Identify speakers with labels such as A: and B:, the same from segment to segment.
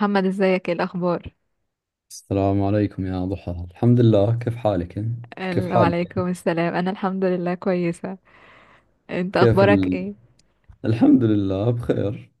A: محمد، ازيك؟ ايه الاخبار؟
B: السلام عليكم يا ضحى. الحمد لله، كيف حالك انت؟ كيف
A: السلام
B: حالك؟
A: عليكم. انا الحمد لله كويسه. انت،
B: كيف
A: اخبارك
B: ال...
A: ايه؟
B: الحمد لله بخير.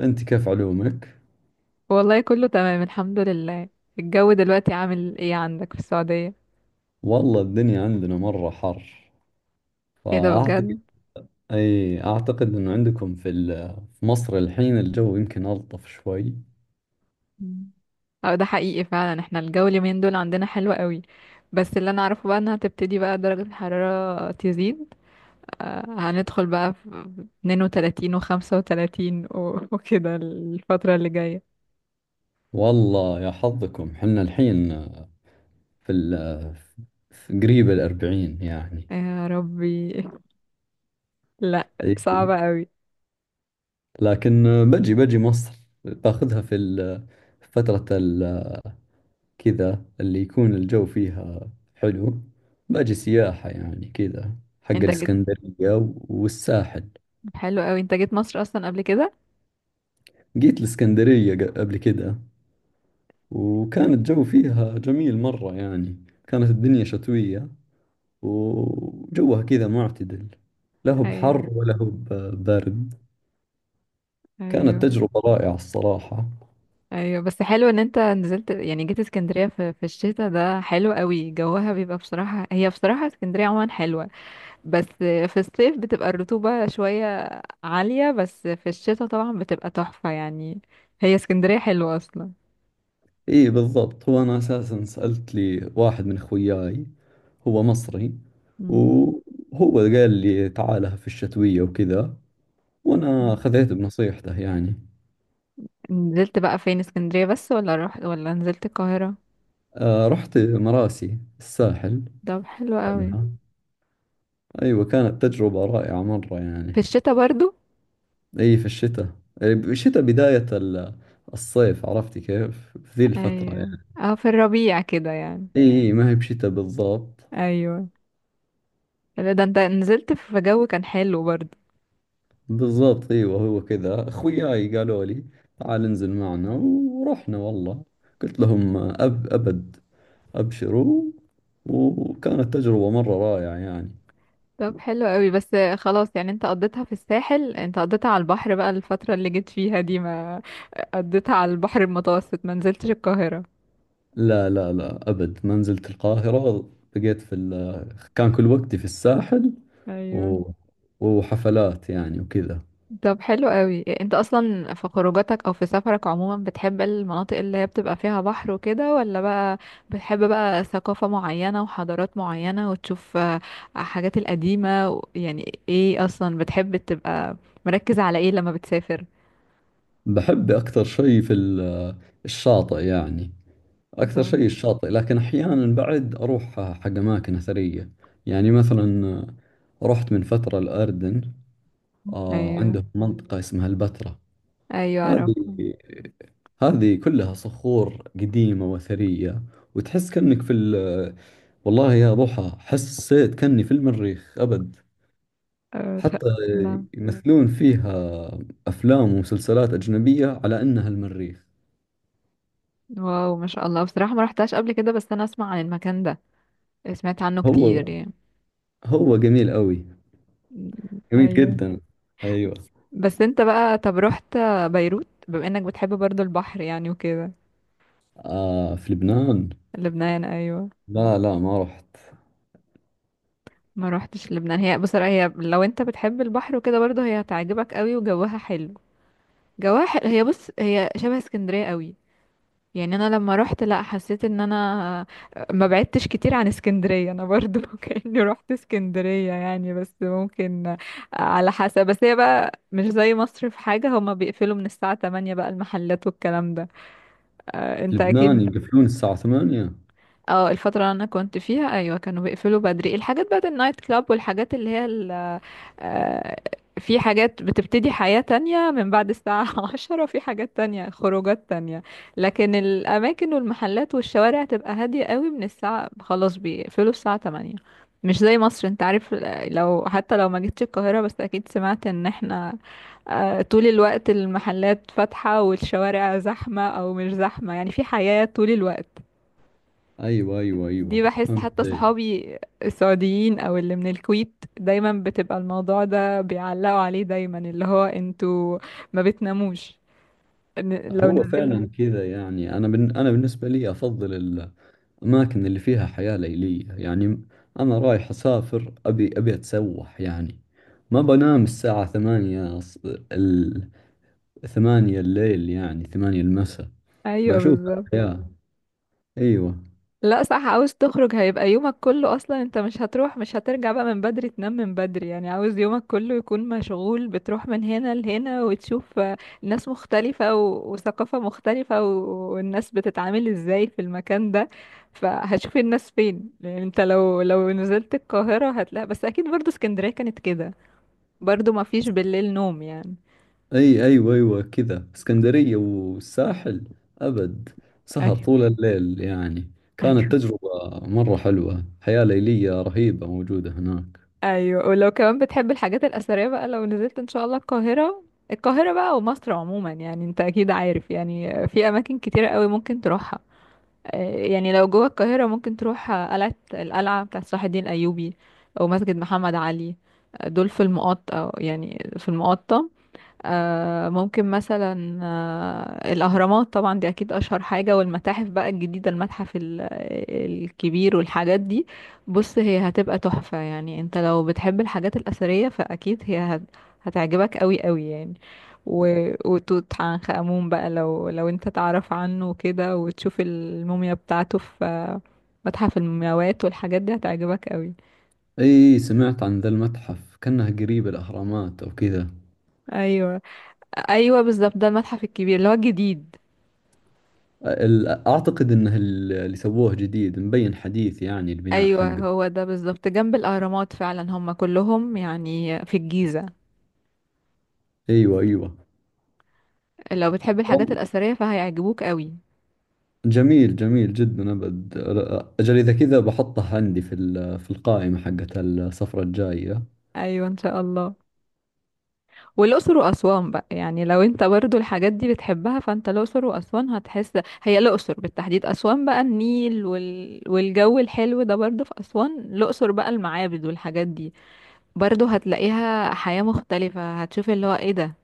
B: انت كيف علومك؟
A: والله كله تمام الحمد لله. الجو دلوقتي عامل ايه عندك في السعوديه؟
B: والله الدنيا عندنا مرة حر،
A: ايه ده؟
B: فاعتقد
A: بجد؟
B: اعتقد انه عندكم في مصر الحين الجو يمكن الطف شوي.
A: مم. اه، ده حقيقي فعلا. احنا الجو اليومين دول عندنا حلو قوي، بس اللي انا اعرفه بقى انها هتبتدي بقى درجه الحراره تزيد. هندخل بقى في 32 و35 وكده الفتره اللي جايه.
B: والله يا حظكم، حنا الحين في ال... في قريب 40 يعني.
A: يا ربي! لا،
B: أي.
A: صعبه قوي.
B: لكن بجي مصر، باخذها في فترة كذا اللي يكون الجو فيها حلو، باجي سياحة يعني كذا، حق
A: انت
B: الإسكندرية والساحل.
A: حلو قوي، انت جيت مصر اصلا قبل كده؟
B: جيت الإسكندرية قبل كذا، وكان الجو فيها جميل مرة، يعني كانت الدنيا شتوية وجوها كذا معتدل، لا هو
A: ايوه،
B: بحر ولا هو برد. كانت
A: ايوه،
B: تجربة رائعة الصراحة.
A: ايوه. بس حلو ان انت نزلت، يعني جيت اسكندريه في الشتاء، ده حلو قوي. جوها بيبقى بصراحه، هي بصراحه اسكندريه عموما حلوه، بس في الصيف بتبقى الرطوبه شويه عاليه، بس في الشتاء طبعا بتبقى تحفه يعني. هي اسكندريه حلوه اصلا.
B: اي بالضبط، هو انا اساسا سألت لي واحد من خوياي، هو مصري،
A: مم.
B: وهو قال لي تعال في الشتوية وكذا، وانا
A: مم.
B: خذيت بنصيحته يعني.
A: نزلت بقى فين؟ اسكندريه بس، ولا رحت ولا نزلت القاهره؟
B: آه، رحت مراسي الساحل
A: طب حلو قوي.
B: بعدها. ايوه، كانت تجربة رائعة مرة
A: في
B: يعني.
A: الشتاء برضو؟
B: اي في الشتاء. إي بشتاء بداية الصيف، عرفتي كيف في ذي الفترة
A: ايوه،
B: يعني.
A: اه في الربيع كده يعني.
B: اي إي، ما هي بشتاء بالضبط.
A: ايوه، لا ده انت نزلت في جو كان حلو برضه.
B: بالضبط ايوه، هو كذا اخوياي قالوا لي تعال انزل معنا، ورحنا والله. قلت لهم ابد، ابشروا. وكانت تجربة مرة رائعة يعني.
A: طب حلو قوي. بس خلاص يعني انت قضيتها في الساحل، انت قضيتها على البحر بقى الفترة اللي جيت فيها دي، ما قضيتها على البحر المتوسط، ما نزلتش القاهرة.
B: لا لا لا، ابد ما نزلت القاهرة. بقيت في ال... كان كل وقتي في الساحل
A: ايوه.
B: و... وحفلات يعني وكذا.
A: طب حلو قوي. انت اصلا في خروجاتك او في سفرك عموما بتحب المناطق اللي هي بتبقى فيها بحر وكده، ولا بقى بتحب بقى ثقافة معينة وحضارات معينة وتشوف حاجات القديمة يعني ايه اصلا بتحب تبقى مركز على ايه لما بتسافر؟
B: بحب اكثر شيء في الشاطئ يعني. أكثر
A: طب.
B: شيء الشاطئ، لكن أحيانا بعد أروح حق أماكن أثرية، يعني مثلا رحت من فترة الأردن. آه،
A: ايوه،
B: عندهم منطقة اسمها البتراء.
A: ايوه،
B: هذه
A: اعرفها.
B: هذه كلها صخور قديمة وأثرية، وتحس كأنك في ال... والله يا ضحى حسيت كأني في المريخ أبد.
A: آه، شاء
B: حتى
A: الله
B: يمثلون فيها أفلام ومسلسلات أجنبية على أنها المريخ.
A: واو، ما شاء الله. بصراحة ما رحتهاش قبل كده، بس انا اسمع عن المكان ده، سمعت عنه
B: هو
A: كتير يعني.
B: هو جميل أوي،
A: م-
B: جميل
A: ايوه.
B: جدا. أيوه.
A: بس انت بقى، طب رحت بيروت؟ بما انك بتحب برضو البحر يعني وكده.
B: آه، في لبنان.
A: لبنان، ايوه.
B: لا لا، ما رحت.
A: ما روحتش لبنان. هي بصراحة، هي لو انت بتحب البحر وكده برضو، هي هتعجبك قوي وجوها حلو. جوها حلو. هي بص، هي شبه اسكندرية قوي يعني. انا لما رحت لا، حسيت ان انا ما بعدتش كتير عن اسكندرية انا برضو كأني رحت اسكندرية يعني، بس ممكن على حسب. بس هي بقى مش زي مصر في حاجة، هما بيقفلوا من الساعة 8 بقى المحلات والكلام ده.
B: في
A: انت
B: لبنان
A: اكيد.
B: يقفلون الساعة 8.
A: اه، الفترة اللي انا كنت فيها ايوه كانوا بيقفلوا بدري. الحاجات بقى النايت كلاب والحاجات اللي هي آه، في حاجات بتبتدي حياة تانية من بعد الساعة 10، في حاجات تانية، خروجات تانية، لكن الأماكن والمحلات والشوارع تبقى هادية قوي من الساعة، خلاص بيقفلوا الساعة 8، مش زي مصر. انت عارف، لو حتى لو ما جيتش القاهرة، بس أكيد سمعت ان احنا طول الوقت المحلات فاتحة والشوارع زحمة أو مش زحمة، يعني في حياة طول الوقت.
B: أيوة أيوة
A: دي
B: أيوة،
A: بحس
B: فهمت
A: حتى
B: عليك.
A: صحابي السعوديين او اللي من الكويت دايما بتبقى الموضوع ده بيعلقوا عليه، دايما اللي هو انتوا ما بتناموش. لو
B: هو
A: نزلنا.
B: فعلا كذا يعني، أنا بالنسبة لي أفضل الأماكن اللي فيها حياة ليلية يعني. أنا رايح أسافر، أبي أتسوح يعني. ما بنام الساعة 8 ال 8 الليل، يعني 8 المساء.
A: ايوه
B: بشوف
A: بالظبط.
B: الحياة. أيوة.
A: لا صح، عاوز تخرج هيبقى يومك كله اصلا، انت مش هتروح، مش هترجع بقى من بدري تنام من بدري. يعني عاوز يومك كله يكون مشغول، بتروح من هنا لهنا وتشوف ناس مختلفة وثقافة مختلفة والناس بتتعامل ازاي في المكان ده. فهتشوف الناس فين يعني؟ انت لو نزلت القاهرة هتلاقي، بس اكيد برضو اسكندرية كانت كده، برضو ما فيش بالليل نوم يعني.
B: اي ايوه ايوه، كذا اسكندرية والساحل، ابد، سهر
A: ايوه،
B: طول الليل يعني. كانت
A: ايوه،
B: تجربة مرة حلوة، حياة ليلية رهيبة موجودة هناك.
A: ايوه. ولو كمان بتحب الحاجات الاثريه بقى، لو نزلت ان شاء الله القاهره، القاهره بقى ومصر عموما يعني انت اكيد عارف يعني في اماكن كتيره قوي ممكن تروحها. يعني لو جوه القاهره ممكن تروح القلعه بتاعه صلاح الدين الايوبي، او مسجد محمد علي. دول في المقاطة، يعني في المقاطة. آه ممكن مثلا آه الأهرامات طبعا دي أكيد أشهر حاجة، والمتاحف بقى الجديدة، الكبير والحاجات دي. بص هي هتبقى تحفة يعني، انت لو بتحب الحاجات الأثرية فأكيد هي هتعجبك قوي قوي يعني. وتوت عنخ آمون بقى، لو انت تعرف عنه كده وتشوف الموميا بتاعته في متحف المومياوات والحاجات دي هتعجبك قوي.
B: اي سمعت عن ذا المتحف كأنه قريب الاهرامات او كذا.
A: ايوه، ايوه بالظبط، ده المتحف الكبير اللي هو الجديد.
B: اعتقد انه اللي سووه جديد، مبين حديث يعني البناء
A: ايوه
B: حقه.
A: هو ده بالظبط، جنب الاهرامات فعلا، هم كلهم يعني في الجيزه.
B: ايوه ايوه.
A: لو بتحب الحاجات
B: والله،
A: الاثريه فهيعجبوك قوي.
B: جميل، جميل جدا ابد. اجل اذا كذا بحطه عندي في القائمة حقت السفرة الجاية.
A: ايوه ان شاء الله. والاقصر واسوان بقى، يعني لو انت برضو الحاجات دي بتحبها فانت الاقصر واسوان هتحس. هي الاقصر بالتحديد، اسوان بقى النيل والجو الحلو ده برضو في اسوان، الاقصر بقى المعابد والحاجات دي. برضو هتلاقيها حياه مختلفه، هتشوف اللي هو ايه ده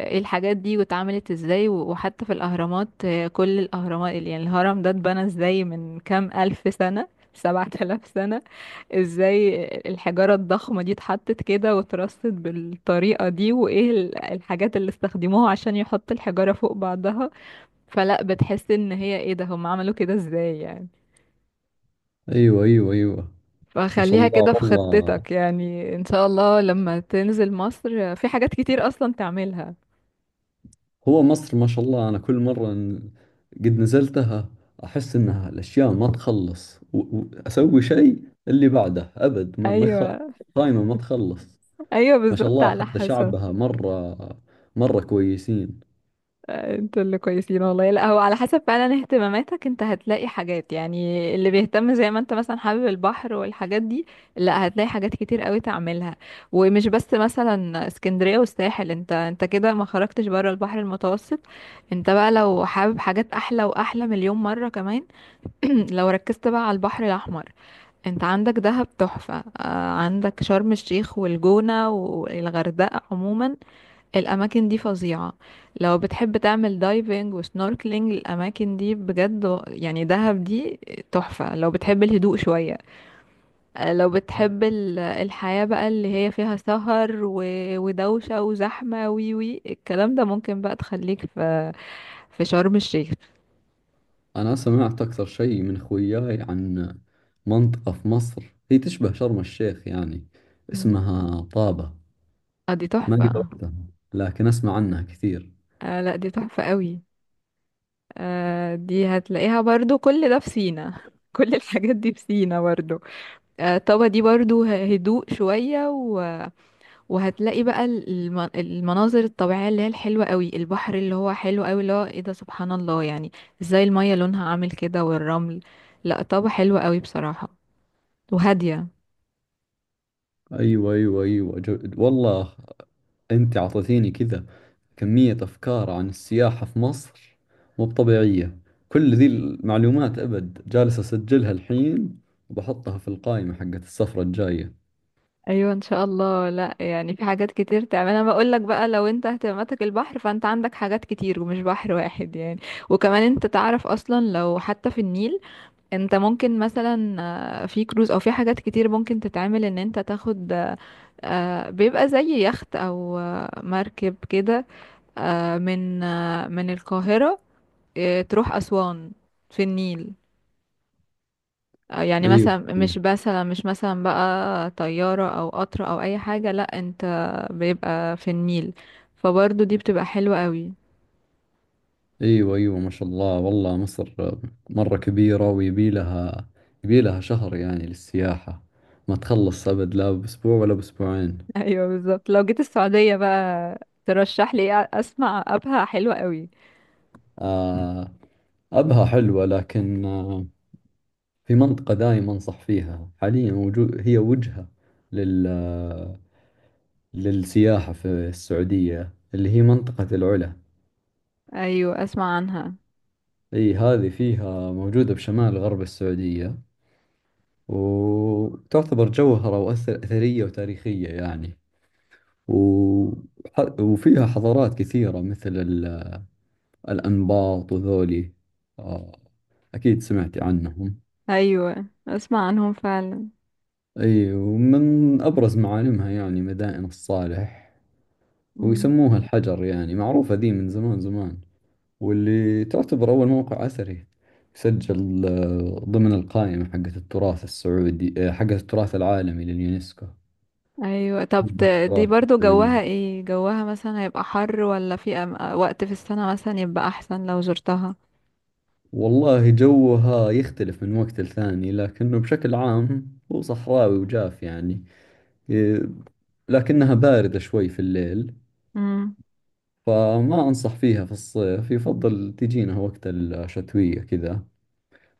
A: الحاجات دي واتعملت ازاي وحتى في الاهرامات. كل الاهرامات يعني الهرم ده اتبنى ازاي من كام الف سنة؟ 7 آلاف سنة! ازاي الحجارة الضخمة دي اتحطت كده واترصت بالطريقة دي، وايه الحاجات اللي استخدموها عشان يحطوا الحجارة فوق بعضها. فلا، بتحس ان هي ايه ده، هم عملوا كده ازاي يعني.
B: ايوه ايوه ايوه. ما شاء
A: فخليها
B: الله
A: كده في
B: والله.
A: خطتك يعني، ان شاء الله لما تنزل مصر في حاجات كتير اصلا تعملها.
B: هو مصر ما شاء الله، أنا كل مرة قد نزلتها أحس إنها الأشياء ما تخلص، وأسوي شيء اللي بعده أبد، ما ما يخ-
A: ايوه،
B: قايمة ما تخلص.
A: ايوه
B: ما شاء
A: بالظبط،
B: الله
A: على
B: حتى
A: حسب.
B: شعبها مرة مرة كويسين.
A: انتوا اللي كويسين والله. لا هو على حسب فعلا اهتماماتك، انت هتلاقي حاجات يعني. اللي بيهتم زي ما انت مثلا حابب البحر والحاجات دي، لا هتلاقي حاجات كتير قوي تعملها، ومش بس مثلا اسكندرية والساحل. انت كده ما خرجتش بره البحر المتوسط. انت بقى لو حابب حاجات احلى، واحلى مليون مرة كمان، لو ركزت بقى على البحر الاحمر، انت عندك دهب تحفة، عندك شرم الشيخ والجونة والغردقة عموما، الأماكن دي فظيعة. لو بتحب تعمل دايفنج وسنوركلينج الأماكن دي بجد، يعني دهب دي تحفة لو بتحب الهدوء شوية. لو بتحب الحياة بقى اللي هي فيها سهر ودوشة وزحمة وي وي الكلام ده، ممكن بقى تخليك في في شرم الشيخ.
B: أنا سمعت أكثر شيء من خوياي عن منطقة في مصر هي تشبه شرم الشيخ يعني،
A: مم.
B: اسمها طابة.
A: اه دي
B: ما قد
A: تحفة.
B: رحتها، لكن أسمع عنها كثير.
A: آه لا دي تحفة قوي. آه دي هتلاقيها برضو كل ده في سينا، كل الحاجات دي في سينا برضو. آه طبعا دي برضو هدوء شوية، وهتلاقي بقى المناظر الطبيعية اللي هي الحلوة قوي، البحر اللي هو حلو قوي، اللي هو ايه ده، سبحان الله يعني. ازاي المية لونها عامل كده والرمل. لا طابع حلو قوي بصراحة، وهادية.
B: أيوة أيوة أيوة والله أنت أعطيتيني كذا كمية أفكار عن السياحة في مصر، مو طبيعية. كل ذي المعلومات أبد جالس أسجلها الحين، وبحطها في القائمة حقت السفرة الجاية.
A: ايوه ان شاء الله. لا يعني في حاجات كتير تعمل، انا بقول لك بقى لو انت اهتماماتك البحر فانت عندك حاجات كتير، ومش بحر واحد يعني. وكمان انت تعرف اصلا، لو حتى في النيل، انت ممكن مثلا في كروز او في حاجات كتير ممكن تتعمل، ان انت تاخد بيبقى زي يخت او مركب كده من من القاهرة تروح أسوان، في النيل. يعني
B: أيوة
A: مثلا
B: أيوة
A: مش مثلا بقى طيارة او قطر او اي حاجة، لا انت بيبقى في النيل. فبرضه دي بتبقى حلوة قوي.
B: أيوة أيوة. ما شاء الله والله، مصر مرة كبيرة، ويبي لها يبي لها شهر يعني للسياحة، ما تخلص أبد لا بأسبوع ولا بأسبوعين.
A: ايوه بالظبط. لو جيت السعودية بقى ترشح لي ايه؟ اسمع ابها حلوة قوي.
B: آه. أبها حلوة، لكن آه، في منطقة دائما أنصح فيها حاليا، وجو هي وجهة لل آه، للسياحة في السعودية، اللي هي منطقة العلا.
A: ايوه اسمع عنها.
B: اي هذه فيها موجودة بشمال غرب السعودية، وتعتبر جوهرة، أثرية وتاريخية يعني. و... وفيها حضارات كثيرة مثل الأنباط وذولي. آه، أكيد سمعتي عنهم.
A: ايوه اسمع عنهم فعلا.
B: اي، ومن أبرز معالمها يعني مدائن الصالح.
A: مم.
B: ويسموها الحجر، يعني معروفة ذي من زمان زمان، واللي تعتبر أول موقع أثري سجل، ضمن القائمة حقت التراث السعودي، حقت التراث العالمي لليونسكو.
A: ايوه طب، دي
B: التراث
A: برضو جوها
B: السعودي.
A: ايه؟ جوها مثلا هيبقى حر، ولا في وقت في السنة مثلا يبقى احسن لو زرتها؟
B: والله جوها يختلف من وقت لثاني، لكنه بشكل عام هو صحراوي وجاف يعني. إيه، لكنها باردة شوي في الليل.
A: امم.
B: فما أنصح فيها في الصيف، يفضل تجينا وقت الشتوية كذا،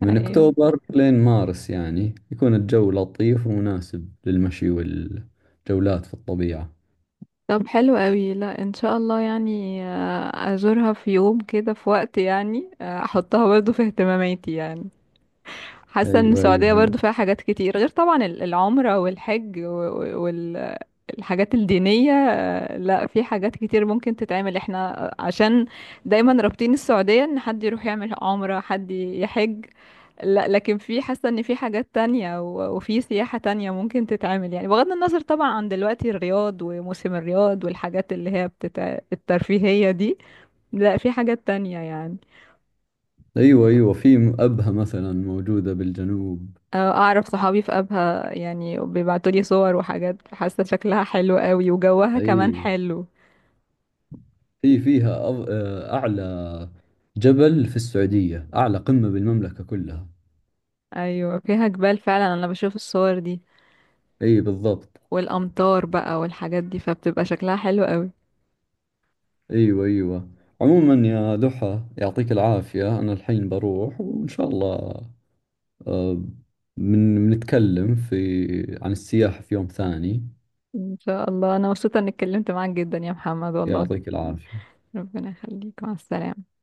B: من
A: ايوه
B: أكتوبر لين مارس، يعني يكون الجو لطيف ومناسب للمشي والجولات في الطبيعة.
A: طب حلو قوي. لا ان شاء الله يعني ازورها في يوم كده، في وقت يعني احطها برضو في اهتماماتي يعني. حاسه ان
B: أيوة أيوة
A: السعوديه
B: أيوة
A: برضو فيها حاجات كتير، غير طبعا العمره والحج، الحاجات الدينية. لا في حاجات كتير ممكن تتعمل. احنا عشان دايما رابطين السعودية ان حد يروح يعمل عمرة، حد يحج. لا لكن في، حاسة ان في حاجات تانية وفي سياحة تانية ممكن تتعمل، يعني بغض النظر طبعا عن دلوقتي الرياض وموسم الرياض والحاجات اللي هي الترفيهية دي، لا في حاجات تانية يعني.
B: أيوة أيوة. في أبها مثلا موجودة بالجنوب.
A: اعرف صحابي في ابها يعني بيبعتولي صور وحاجات، حاسة شكلها حلو قوي وجوها كمان
B: أي
A: حلو.
B: في فيها أعلى جبل في السعودية، أعلى قمة بالمملكة كلها.
A: ايوه فيها جبال فعلا، انا بشوف الصور دي.
B: أي بالضبط.
A: والامطار بقى والحاجات دي فبتبقى شكلها حلو قوي.
B: أيوة أيوة. عموما يا دحى يعطيك العافية، أنا الحين بروح وإن شاء الله، آه، من بنتكلم في عن السياحة في يوم ثاني.
A: ان شاء الله. انا مبسوطه اني اتكلمت معاك جدا يا محمد والله.
B: يعطيك العافية.
A: ربنا يخليك، مع السلامه.